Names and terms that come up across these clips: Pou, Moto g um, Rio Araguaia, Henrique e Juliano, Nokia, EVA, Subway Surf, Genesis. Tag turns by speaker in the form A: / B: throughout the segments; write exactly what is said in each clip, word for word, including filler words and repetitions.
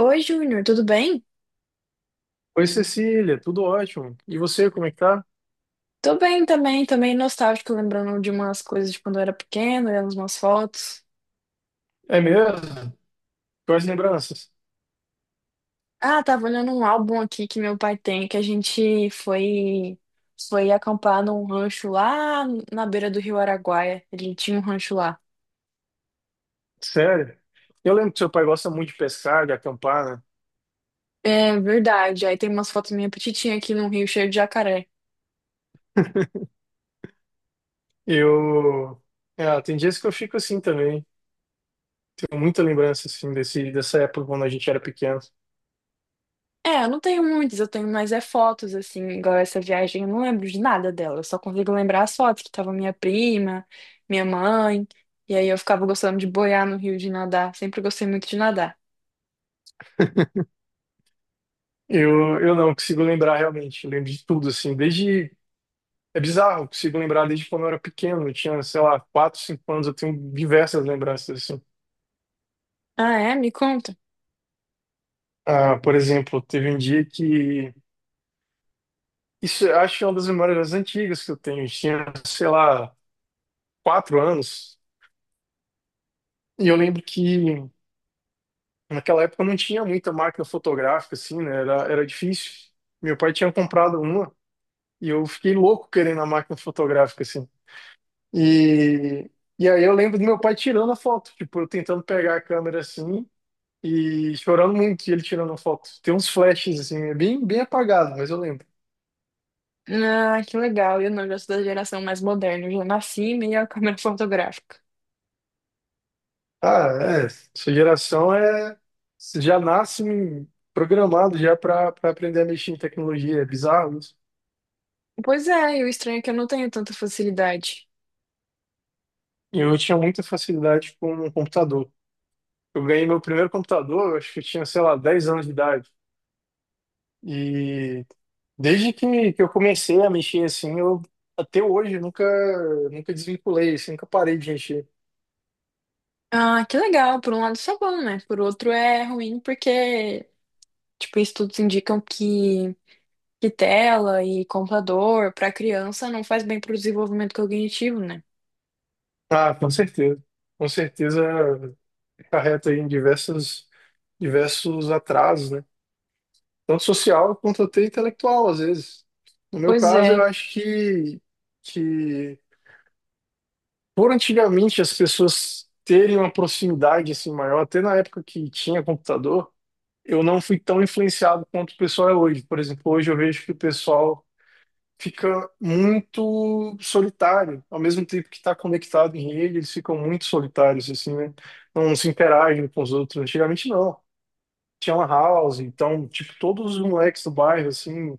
A: Oi, Júnior, tudo bem?
B: Oi, Cecília, tudo ótimo. E você, como é que tá?
A: Tô bem também, também nostálgico, lembrando de umas coisas de quando eu era pequeno, olhando umas fotos.
B: É mesmo? Quais lembranças?
A: Ah, tava olhando um álbum aqui que meu pai tem, que a gente foi foi acampar num rancho lá na beira do Rio Araguaia. Ele tinha um rancho lá.
B: Sério? Eu lembro que seu pai gosta muito de pescar, de acampar, né?
A: É verdade, aí tem umas fotos minha petitinha aqui num rio cheio de jacaré.
B: Eu. É, tem dias que eu fico assim também. Tenho muita lembrança, assim, desse, dessa época quando a gente era pequeno.
A: É, eu não tenho muitas, eu tenho mais é fotos, assim, igual essa viagem, eu não lembro de nada dela, eu só consigo lembrar as fotos, que tava minha prima, minha mãe, e aí eu ficava gostando de boiar no rio, de nadar, sempre gostei muito de nadar.
B: Eu, eu não consigo lembrar realmente. Eu lembro de tudo, assim, desde. É bizarro, eu consigo lembrar desde quando eu era pequeno. Eu tinha, sei lá, quatro, cinco anos, eu tenho diversas lembranças, assim.
A: Ah, é? Me conta.
B: Ah, por exemplo, teve um dia que isso eu acho que é uma das memórias mais antigas que eu tenho. Eu tinha, sei lá, quatro anos. E eu lembro que naquela época não tinha muita máquina fotográfica, assim, né? Era, era difícil. Meu pai tinha comprado uma e eu fiquei louco querendo a máquina fotográfica, assim. E, e aí eu lembro do meu pai tirando a foto, tipo, eu tentando pegar a câmera assim e chorando muito ele tirando a foto. Tem uns flashes, assim, é bem, bem apagado, mas eu lembro.
A: Ah, que legal, eu não, eu já sou da geração mais moderna, eu já nasci meio a câmera fotográfica.
B: Ah, é. Sua geração é já nasce programado já para aprender a mexer em tecnologia. É bizarro isso.
A: Pois é, e o estranho é que eu não tenho tanta facilidade.
B: E eu tinha muita facilidade com o computador. Eu ganhei meu primeiro computador, eu acho que eu tinha, sei lá, dez anos de idade. E desde que, que eu comecei a mexer assim, eu até hoje nunca nunca desvinculei, assim, nunca parei de mexer.
A: Ah, que legal, por um lado isso é bom, né? Por outro é ruim, porque, tipo, estudos indicam que que tela e computador para criança não faz bem para o desenvolvimento cognitivo, né?
B: Ah, com certeza. Com certeza carreta aí em diversos diversos atrasos, né? Tanto social quanto até intelectual, às vezes. No meu
A: Pois
B: caso, eu
A: é,
B: acho que, que por antigamente as pessoas terem uma proximidade assim maior, até na época que tinha computador, eu não fui tão influenciado quanto o pessoal é hoje. Por exemplo, hoje eu vejo que o pessoal fica muito solitário, ao mesmo tempo que está conectado em rede, eles ficam muito solitários assim, né? Não se interagem com os outros. Antigamente não. Tinha uma house, então, tipo, todos os moleques do bairro, assim,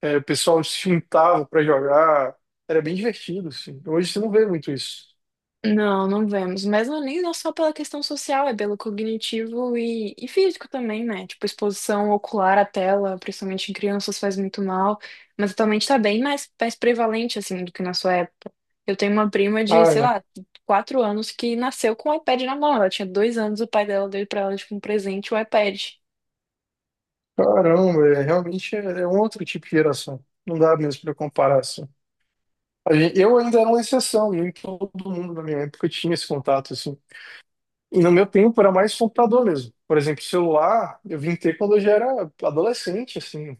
B: é, o pessoal se juntava pra jogar. Era bem divertido, assim. Hoje você não vê muito isso.
A: não, não vemos. Mas não, é nem não só pela questão social, é pelo cognitivo e, e físico também, né? Tipo, exposição ocular à tela, principalmente em crianças, faz muito mal. Mas atualmente tá bem mais, mais prevalente, assim, do que na sua época. Eu tenho uma prima de,
B: Ah,
A: sei
B: é.
A: lá, quatro anos que nasceu com o iPad na mão. Ela tinha dois anos, o pai dela deu pra ela, tipo, um presente, o iPad.
B: Caramba, é, realmente é, é um outro tipo de geração. Não dá mesmo para comparar, assim. A gen- eu ainda era uma exceção, nem todo mundo na minha época tinha esse contato, assim. E no meu tempo era mais computador mesmo. Por exemplo, celular, eu vim ter quando eu já era adolescente, assim.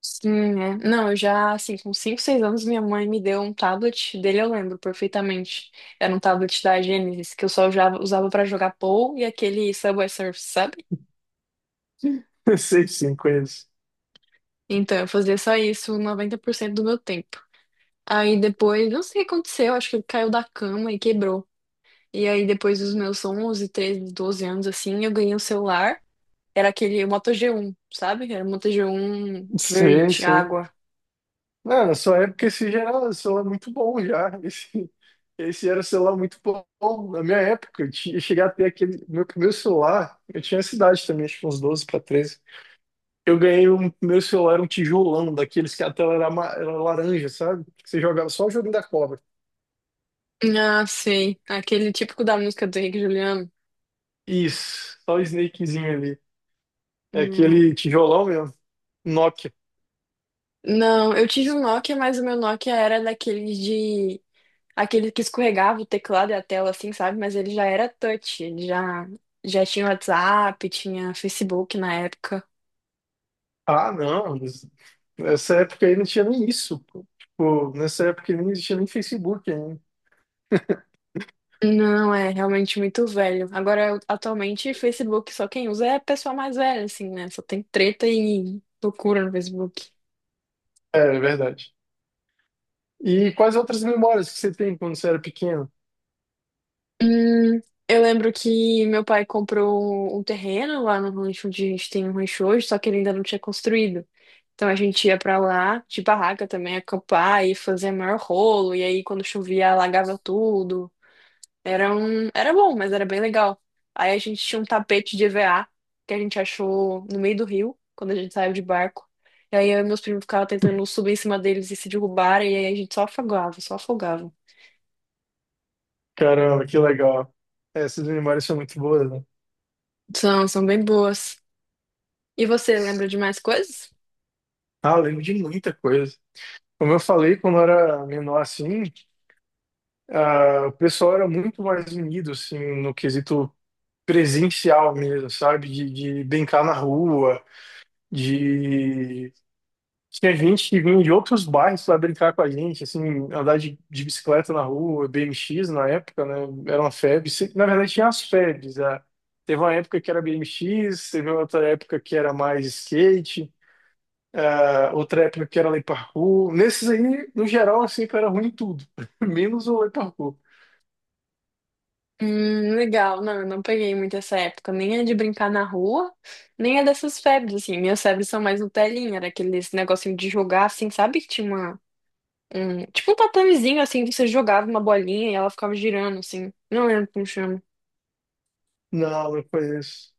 A: Sim, é. Não, eu já, assim, com cinco seis anos, minha mãe me deu um tablet, dele eu lembro perfeitamente. Era um tablet da Genesis, que eu só usava, usava para jogar Pou e aquele Subway Surf, sabe?
B: Sei, sim, conheço.
A: Então, eu fazia só isso noventa por cento do meu tempo. Aí depois, não sei o que aconteceu, acho que ele caiu da cama e quebrou. E aí depois dos meus onze, treze doze anos, assim, eu ganhei um celular. Era aquele Moto g um sabe? Era um Moto g um
B: Sei,
A: verde,
B: sei.
A: água.
B: Não, na sua época esse já era um celular muito bom já. Esse, esse era um celular muito bom. Na minha época, eu tinha- eu cheguei a ter aquele. Meu primeiro celular, eu tinha essa idade também, acho que uns doze para treze. Eu ganhei um meu celular, um tijolão, daqueles que a tela era, ama- era laranja, sabe? Que você jogava só o joguinho da cobra.
A: Ah, sei. Aquele típico da música do Henrique e Juliano.
B: Isso, só o Snakezinho ali. É
A: Hum.
B: aquele tijolão mesmo, Nokia.
A: Não, eu tive um Nokia, mas o meu Nokia era daqueles de. Aquele que escorregava o teclado e a tela, assim, sabe? Mas ele já era touch, ele já, já tinha WhatsApp, tinha Facebook na época.
B: Ah, não, mas nessa época aí não tinha nem isso, pô. Tipo, nessa época aí não existia nem Facebook ainda.
A: Não, é realmente muito velho. Agora, eu- atualmente, Facebook só quem usa é a pessoa mais velha, assim, né? Só tem treta e loucura no Facebook.
B: É, é verdade. E quais outras memórias que você tem quando você era pequeno?
A: Hum, eu lembro que meu pai comprou um um terreno lá no rancho onde a gente tem um rancho hoje, só que ele ainda não tinha construído. Então a gente ia pra lá de barraca também, acampar e fazer maior rolo. E aí quando chovia, alagava tudo. Era um... Era bom, mas era bem legal. Aí a gente tinha um tapete de EVA que a gente achou no meio do rio, quando a gente saiu de barco. E aí eu e meus primos ficavam tentando subir em cima deles e se derrubar, e aí a gente só afogava, só afogava.
B: Caramba, que legal. É, essas memórias são muito boas, né?
A: São, são bem boas. E você lembra de mais coisas?
B: Ah, eu lembro de muita coisa. Como eu falei, quando eu era menor assim, ah, o pessoal era muito mais unido, assim, no quesito presencial mesmo, sabe? De, de brincar na rua, de Tinha gente que vinha de outros bairros para brincar com a gente, assim, andar de, de bicicleta na rua, B M X na época, né? Era uma febre. Se- Na verdade, tinha as febres, ah. Teve uma época que era B M X, teve outra época que era mais skate, ah, outra época que era lei parkour. Nesses aí, no geral, eu sempre era ruim em tudo, menos o lei parkour.
A: Hum, legal. Não, eu não peguei muito essa época. Nem é de brincar na rua, nem é dessas febres, assim. Minhas febres são mais no telinha, era aqueles negocinho de jogar, assim, sabe? Que tinha uma, um, tipo um tatamezinho, assim, que você jogava uma bolinha e ela ficava girando, assim. Não lembro como chama.
B: Não, não conheço.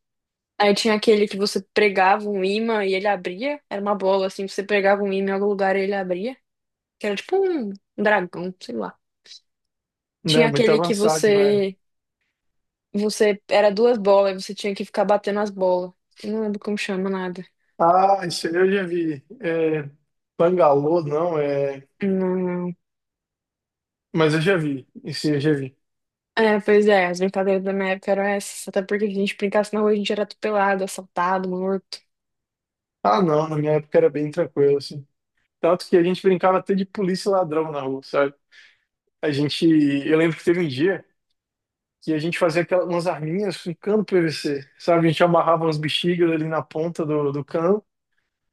A: Aí tinha aquele que você pregava um imã e ele abria. Era uma bola, assim, você pregava um imã em algum lugar e ele abria. Que era tipo um dragão, sei lá. Tinha
B: Não, muito
A: aquele que
B: avançado, velho.
A: você, você, era duas bolas e você tinha que ficar batendo as bolas. Eu não lembro como chama nada.
B: Ah, isso aí eu já vi. É, Bangalô, não, é.
A: Não.
B: Mas eu já vi. Isso aí eu já vi.
A: É, pois é, as brincadeiras da minha época eram essas. Até porque se a gente brincasse na rua, a gente era atropelado, assaltado, morto.
B: Ah, não, na minha época era bem tranquilo, assim. Tanto que a gente brincava até de polícia e ladrão na rua, sabe? A gente, eu lembro que teve um dia que a gente fazia aquelas, umas arminhas com cano P V C, sabe? A gente amarrava umas bexigas ali na ponta do, do cano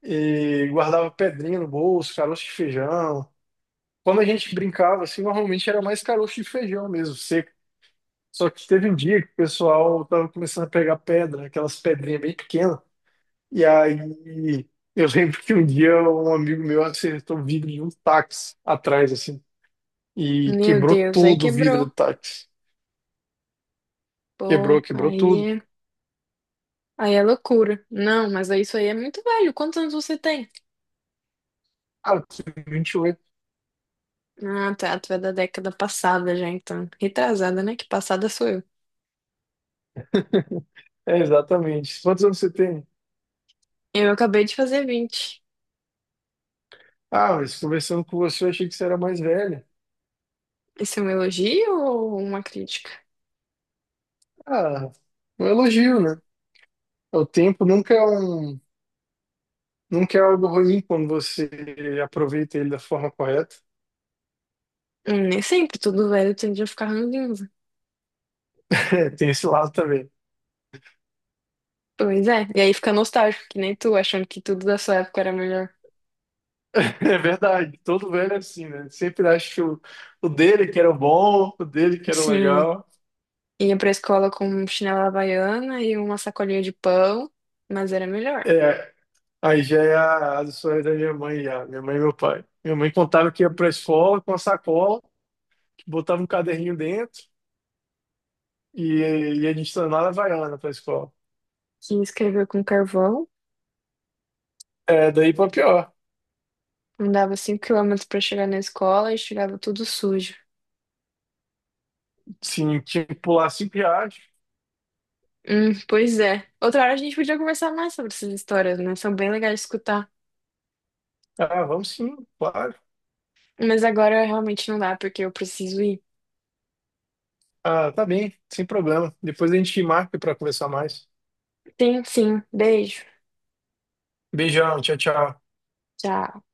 B: e guardava pedrinha no bolso, caroço de feijão. Quando a gente brincava, assim, normalmente era mais caroço de feijão mesmo, seco. Só que teve um dia que o pessoal tava começando a pegar pedra, aquelas pedrinhas bem pequenas, e aí, eu lembro que um dia um amigo meu acertou o vidro de um táxi atrás, assim, e
A: Meu
B: quebrou
A: Deus, aí
B: todo o vidro do
A: quebrou.
B: táxi. Quebrou,
A: Pô,
B: quebrou
A: aí
B: tudo.
A: é, aí é loucura. Não, mas aí isso aí é muito velho. Quantos anos você tem?
B: Ah, eu tenho vinte e oito.
A: Ah, tá, tu é da década passada já, então. Retrasada, né? Que passada sou eu.
B: É, exatamente. Quantos anos você tem?
A: Eu acabei de fazer vinte.
B: Ah, mas conversando com você, eu achei que você era mais velha.
A: Isso é um elogio ou uma crítica?
B: Ah, um elogio, né? O tempo nunca é um, nunca é algo ruim quando você aproveita ele da forma correta.
A: Hum, nem sempre, tudo velho tende a ficar ranzinza.
B: É, tem esse lado também.
A: Pois é, e aí fica nostálgico, que nem tu, achando que tudo da sua época era melhor.
B: É verdade, todo velho é assim, né? Sempre acha o, o dele que era o bom, o dele que era o
A: Sim,
B: legal.
A: ia pra escola com chinela havaiana e uma sacolinha de pão, mas era melhor.
B: É, aí já é a- as histórias da minha mãe, já, minha mãe e meu pai. Minha mãe contava que ia pra escola com a sacola, que botava um caderninho dentro e ia de sandália havaiana pra escola.
A: Que escreveu com carvão,
B: É, daí pra pior.
A: andava cinco quilômetros pra chegar na escola e chegava tudo sujo.
B: Sim, tinha que pular cinco reais.
A: Hum, pois é. Outra hora a gente podia conversar mais sobre essas histórias, né? São bem legais de escutar.
B: Ah, vamos sim, claro.
A: Mas agora realmente não dá, porque eu preciso ir.
B: Ah, tá bem, sem problema. Depois a gente marca pra conversar mais.
A: Sim, sim. Beijo.
B: Beijão, tchau, tchau.
A: Tchau.